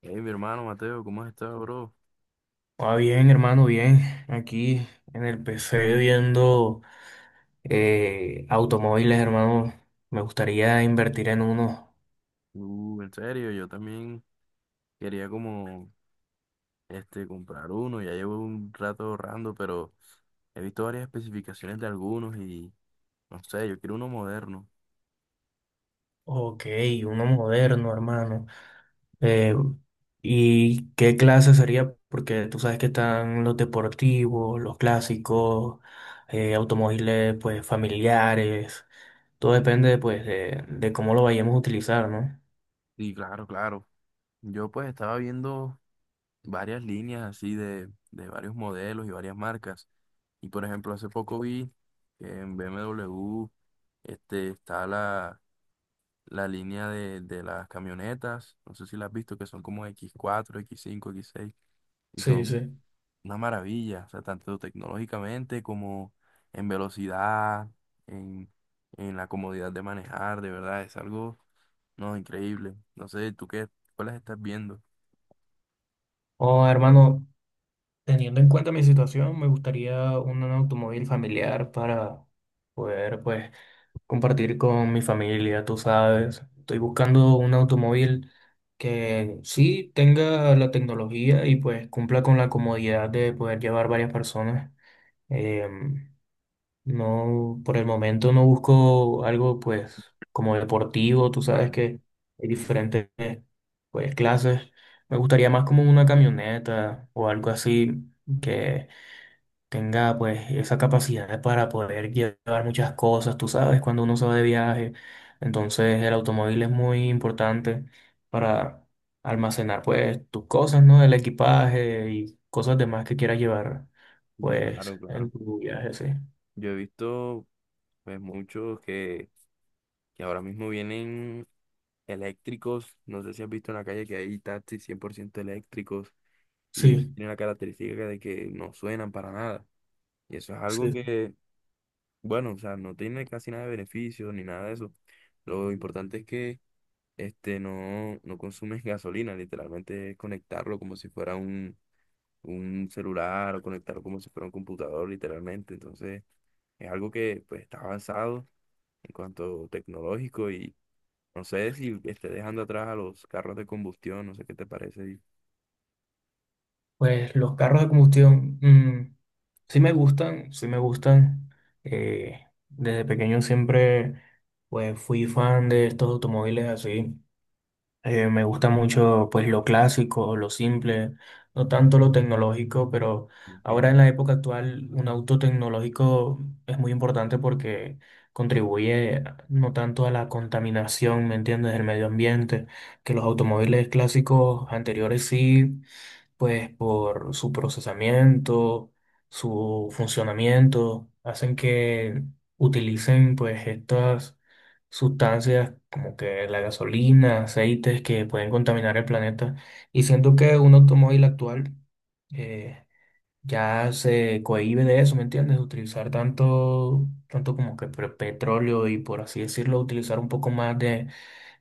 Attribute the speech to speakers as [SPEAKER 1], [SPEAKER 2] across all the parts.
[SPEAKER 1] Hey, mi hermano Mateo, ¿cómo has estado, bro?
[SPEAKER 2] Ah, bien, hermano, bien. Aquí en el PC viendo automóviles, hermano. Me gustaría invertir en uno.
[SPEAKER 1] En serio, yo también quería como comprar uno, ya llevo un rato ahorrando, pero he visto varias especificaciones de algunos y no sé, yo quiero uno moderno.
[SPEAKER 2] Ok, uno moderno, hermano. Eh, ¿Y qué clase sería? Porque tú sabes que están los deportivos, los clásicos, automóviles pues familiares. Todo depende pues de cómo lo vayamos a utilizar, ¿no?
[SPEAKER 1] Sí, claro, claro. Yo pues estaba viendo varias líneas así de varios modelos y varias marcas. Y por ejemplo, hace poco vi que en BMW está la línea de las camionetas, no sé si las has visto, que son como x cuatro x cinco x seis y
[SPEAKER 2] Sí,
[SPEAKER 1] son
[SPEAKER 2] sí.
[SPEAKER 1] una maravilla, o sea, tanto tecnológicamente como en velocidad, en, en la comodidad de manejar, de verdad, es algo, no, increíble. No sé, ¿tú qué, cuáles estás viendo?
[SPEAKER 2] Oh, hermano. Teniendo en cuenta mi situación, me gustaría un automóvil familiar para poder, pues, compartir con mi familia, tú sabes. Estoy buscando un automóvil que sí tenga la tecnología y pues cumpla con la comodidad de poder llevar varias personas. Em, no, por el momento no busco algo, pues, como deportivo, tú sabes
[SPEAKER 1] Vale,
[SPEAKER 2] que hay diferentes, pues, clases. Me gustaría más como una camioneta o algo así que tenga pues esa capacidad para poder llevar muchas cosas, tú sabes, cuando uno se va de viaje. Entonces el automóvil es muy importante para almacenar pues tus cosas, ¿no? El equipaje y cosas demás que quieras llevar
[SPEAKER 1] sí,
[SPEAKER 2] pues
[SPEAKER 1] claro,
[SPEAKER 2] en
[SPEAKER 1] claro.
[SPEAKER 2] tu viaje, sí.
[SPEAKER 1] Yo he visto, pues, muchos que ahora mismo vienen eléctricos, no sé si has visto en la calle que hay taxis 100% eléctricos, y eso
[SPEAKER 2] Sí,
[SPEAKER 1] tiene la característica de que no suenan para nada. Y eso es algo
[SPEAKER 2] sí.
[SPEAKER 1] que, bueno, o sea, no tiene casi nada de beneficio ni nada de eso. Lo importante es que no consumes gasolina, literalmente es conectarlo como si fuera un celular o conectarlo como si fuera un computador, literalmente. Entonces, es algo que pues está avanzado en cuanto tecnológico y no sé si esté dejando atrás a los carros de combustión, no sé qué te parece.
[SPEAKER 2] Pues los carros de combustión, sí me gustan, sí me gustan. Eh, Desde pequeño siempre pues fui fan de estos automóviles así. Me gusta mucho pues lo clásico, lo simple, no tanto lo tecnológico, pero ahora
[SPEAKER 1] Ok.
[SPEAKER 2] en la época actual un auto tecnológico es muy importante porque contribuye a- no tanto a la contaminación, ¿me entiendes?, del medio ambiente, que los automóviles clásicos anteriores sí pues por su procesamiento, su funcionamiento, hacen que utilicen pues estas sustancias como que la gasolina, aceites que pueden contaminar el planeta. Y siento que un automóvil actual eh, ya se cohíbe de eso, ¿me entiendes? Utilizar tanto, tanto como que pre- petróleo y por así decirlo, utilizar un poco más de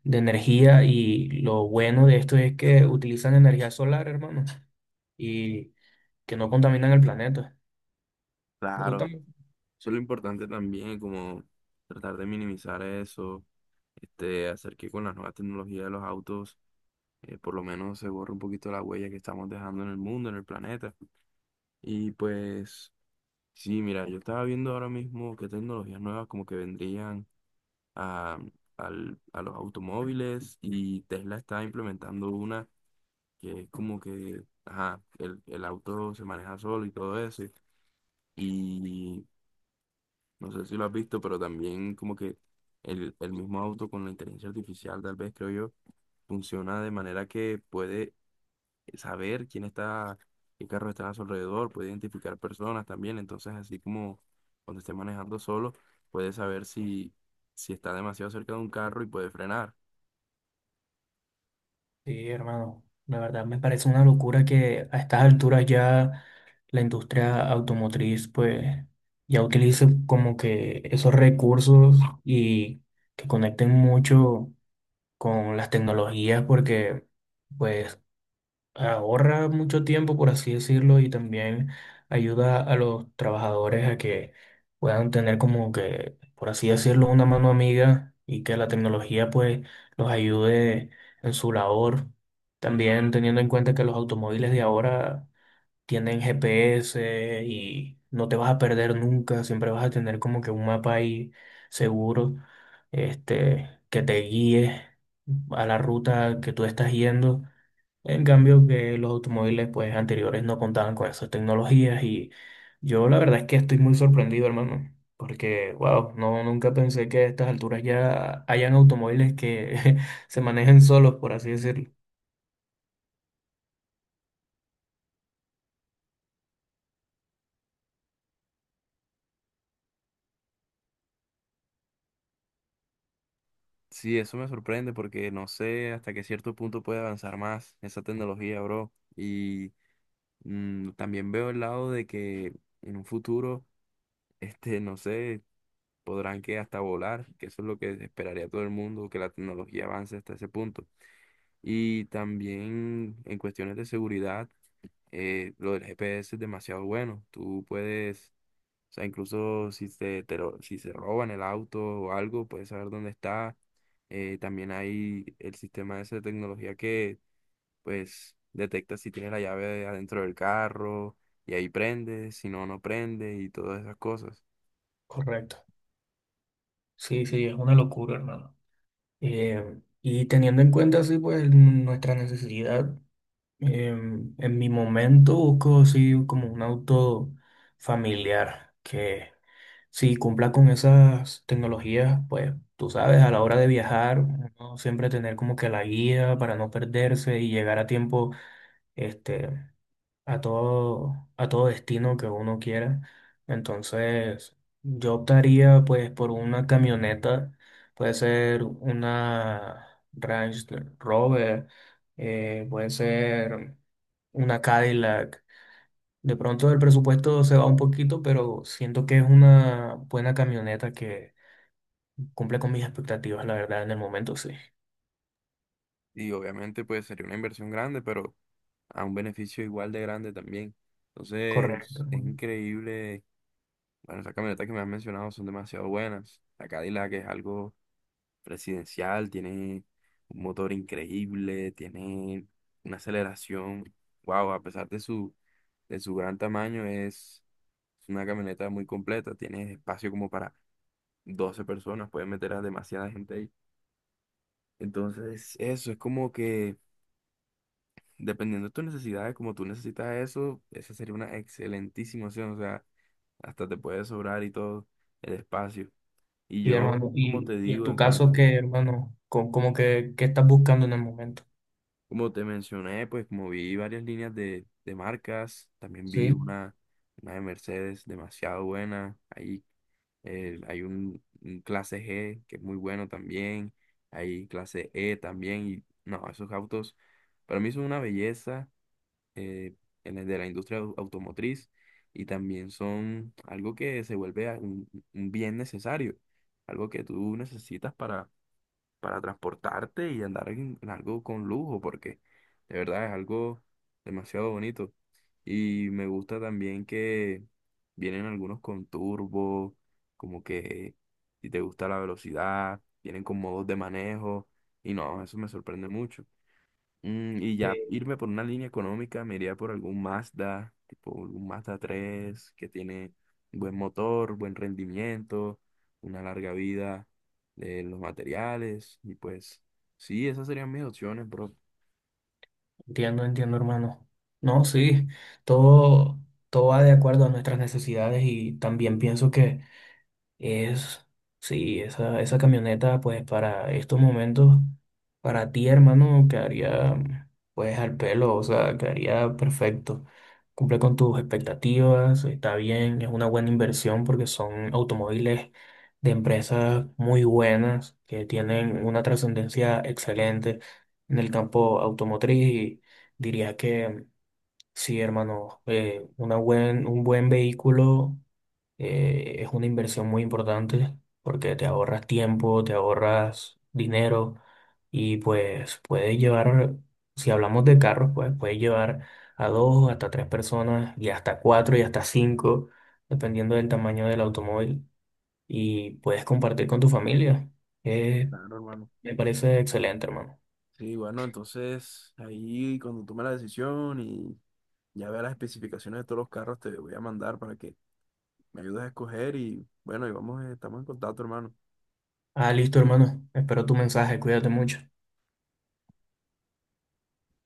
[SPEAKER 2] de energía y lo bueno de esto es que utilizan energía solar, hermano, y que no contaminan el planeta. Me gusta
[SPEAKER 1] Claro.
[SPEAKER 2] mucho.
[SPEAKER 1] Eso es lo importante también, como tratar de minimizar eso, hacer que con las nuevas tecnologías de los autos, por lo menos se borre un poquito la huella que estamos dejando en el mundo, en el planeta. Y pues, sí, mira, yo estaba viendo ahora mismo qué tecnologías nuevas como que vendrían a, a los automóviles, y Tesla está implementando una que es como que, ajá, el auto se maneja solo y todo eso. Y no sé si lo has visto, pero también como que el mismo auto con la inteligencia artificial, tal vez creo yo, funciona de manera que puede saber quién está, qué carro está a su alrededor, puede identificar personas también. Entonces, así como cuando esté manejando solo, puede saber si está demasiado cerca de un carro y puede frenar.
[SPEAKER 2] Sí, hermano, la verdad me parece una locura que a estas alturas ya la industria automotriz pues ya utilice como que esos recursos y que conecten mucho con las tecnologías porque pues ahorra mucho tiempo, por así decirlo, y también ayuda a los trabajadores a que puedan tener como que, por así decirlo, una mano amiga y que la tecnología pues los ayude en su labor. También teniendo en cuenta que los automóviles de ahora tienen GPS y no te vas a perder nunca, siempre vas a tener como que un mapa ahí seguro, este, que te guíe a la ruta que tú estás yendo, en cambio que los automóviles pues anteriores no contaban con esas tecnologías y yo la verdad es que estoy muy sorprendido, hermano, porque wow, no, nunca pensé que a estas alturas ya hayan automóviles que se manejen solos, por así decirlo.
[SPEAKER 1] Sí, eso me sorprende porque no sé hasta qué cierto punto puede avanzar más esa tecnología, bro. Y también veo el lado de que en un futuro, no sé, podrán que hasta volar, que eso es lo que esperaría todo el mundo, que la tecnología avance hasta ese punto. Y también en cuestiones de seguridad, lo del GPS es demasiado bueno. Tú puedes, o sea, incluso si si se roban el auto o algo, puedes saber dónde está. También hay el sistema ese de tecnología que, pues, detecta si tienes la llave adentro del carro y ahí prende, si no, no prende y todas esas cosas.
[SPEAKER 2] Correcto. Sí, sí, es una locura, hermano. Y teniendo en cuenta así pues n- nuestra necesidad, en mi momento busco así como un auto familiar que si cumpla con esas tecnologías, pues tú sabes, a la hora de viajar, uno siempre tener como que la guía para no perderse y llegar a tiempo, este, a todo destino que uno quiera. Entonces, yo optaría pues por una camioneta, puede ser una Range Rover, puede ser una Cadillac. De pronto el presupuesto se va un poquito, pero siento que es una buena camioneta que cumple con mis expectativas, la verdad, en el momento sí.
[SPEAKER 1] Y obviamente pues sería una inversión grande, pero a un beneficio igual de grande también.
[SPEAKER 2] Correcto,
[SPEAKER 1] Entonces, es
[SPEAKER 2] hermano.
[SPEAKER 1] increíble. Bueno, esas camionetas que me has mencionado son demasiado buenas. La Cadillac es algo presidencial, tiene un motor increíble, tiene una aceleración. Wow, a pesar de su gran tamaño, es una camioneta muy completa. Tiene espacio como para 12 personas, puedes meter a demasiada gente ahí. Entonces, eso es como que, dependiendo de tus necesidades, como tú necesitas eso, esa sería una excelentísima opción. O sea, hasta te puede sobrar y todo el espacio. Y
[SPEAKER 2] Y
[SPEAKER 1] yo,
[SPEAKER 2] hermano,
[SPEAKER 1] como te
[SPEAKER 2] y en
[SPEAKER 1] digo,
[SPEAKER 2] tu
[SPEAKER 1] en
[SPEAKER 2] caso,
[SPEAKER 1] cuanto,
[SPEAKER 2] ¿qué, hermano? Co- Como, que, ¿qué estás buscando en el momento?
[SPEAKER 1] como te mencioné, pues como vi varias líneas de marcas, también vi
[SPEAKER 2] Sí,
[SPEAKER 1] una de Mercedes demasiado buena. Ahí hay un clase G que es muy bueno también. Hay clase E también. Y no, esos autos para mí son una belleza. Eh, en el de la industria automotriz y también son algo que se vuelve un bien necesario, algo que tú necesitas para transportarte y andar en algo con lujo, porque de verdad es algo demasiado bonito. Y me gusta también que vienen algunos con turbo, como que si te gusta la velocidad, vienen con modos de manejo, y no, eso me sorprende mucho. Y ya
[SPEAKER 2] eh,
[SPEAKER 1] irme por una línea económica, me iría por algún Mazda, tipo un Mazda 3 que tiene buen motor, buen rendimiento, una larga vida de los materiales. Y pues, sí, esas serían mis opciones, bro.
[SPEAKER 2] entiendo, entiendo, hermano. No, sí, todo, todo va de acuerdo a nuestras necesidades y también pienso que es, sí, esa camioneta, pues para estos momentos, para ti, hermano, quedaría, pues al pelo, o sea, quedaría perfecto. Cumple con tus expectativas, está bien, es una buena inversión porque son automóviles de empresas muy buenas que tienen una trascendencia excelente en el campo automotriz y diría que sí, hermano, una buen, un buen vehículo. Es una inversión muy importante porque te ahorras tiempo, te ahorras dinero y pues puedes llevar, si hablamos de carros, pues puedes llevar a dos, hasta tres personas y hasta cuatro y hasta cinco, dependiendo del tamaño del automóvil y puedes compartir con tu familia. Eh,
[SPEAKER 1] Claro, hermano.
[SPEAKER 2] Me parece excelente, hermano.
[SPEAKER 1] Sí, bueno, entonces ahí cuando tome la decisión y ya vea las especificaciones de todos los carros, te voy a mandar para que me ayudes a escoger y bueno, y vamos, estamos en contacto, hermano.
[SPEAKER 2] Ah, listo, hermano. Espero tu mensaje. Cuídate mucho.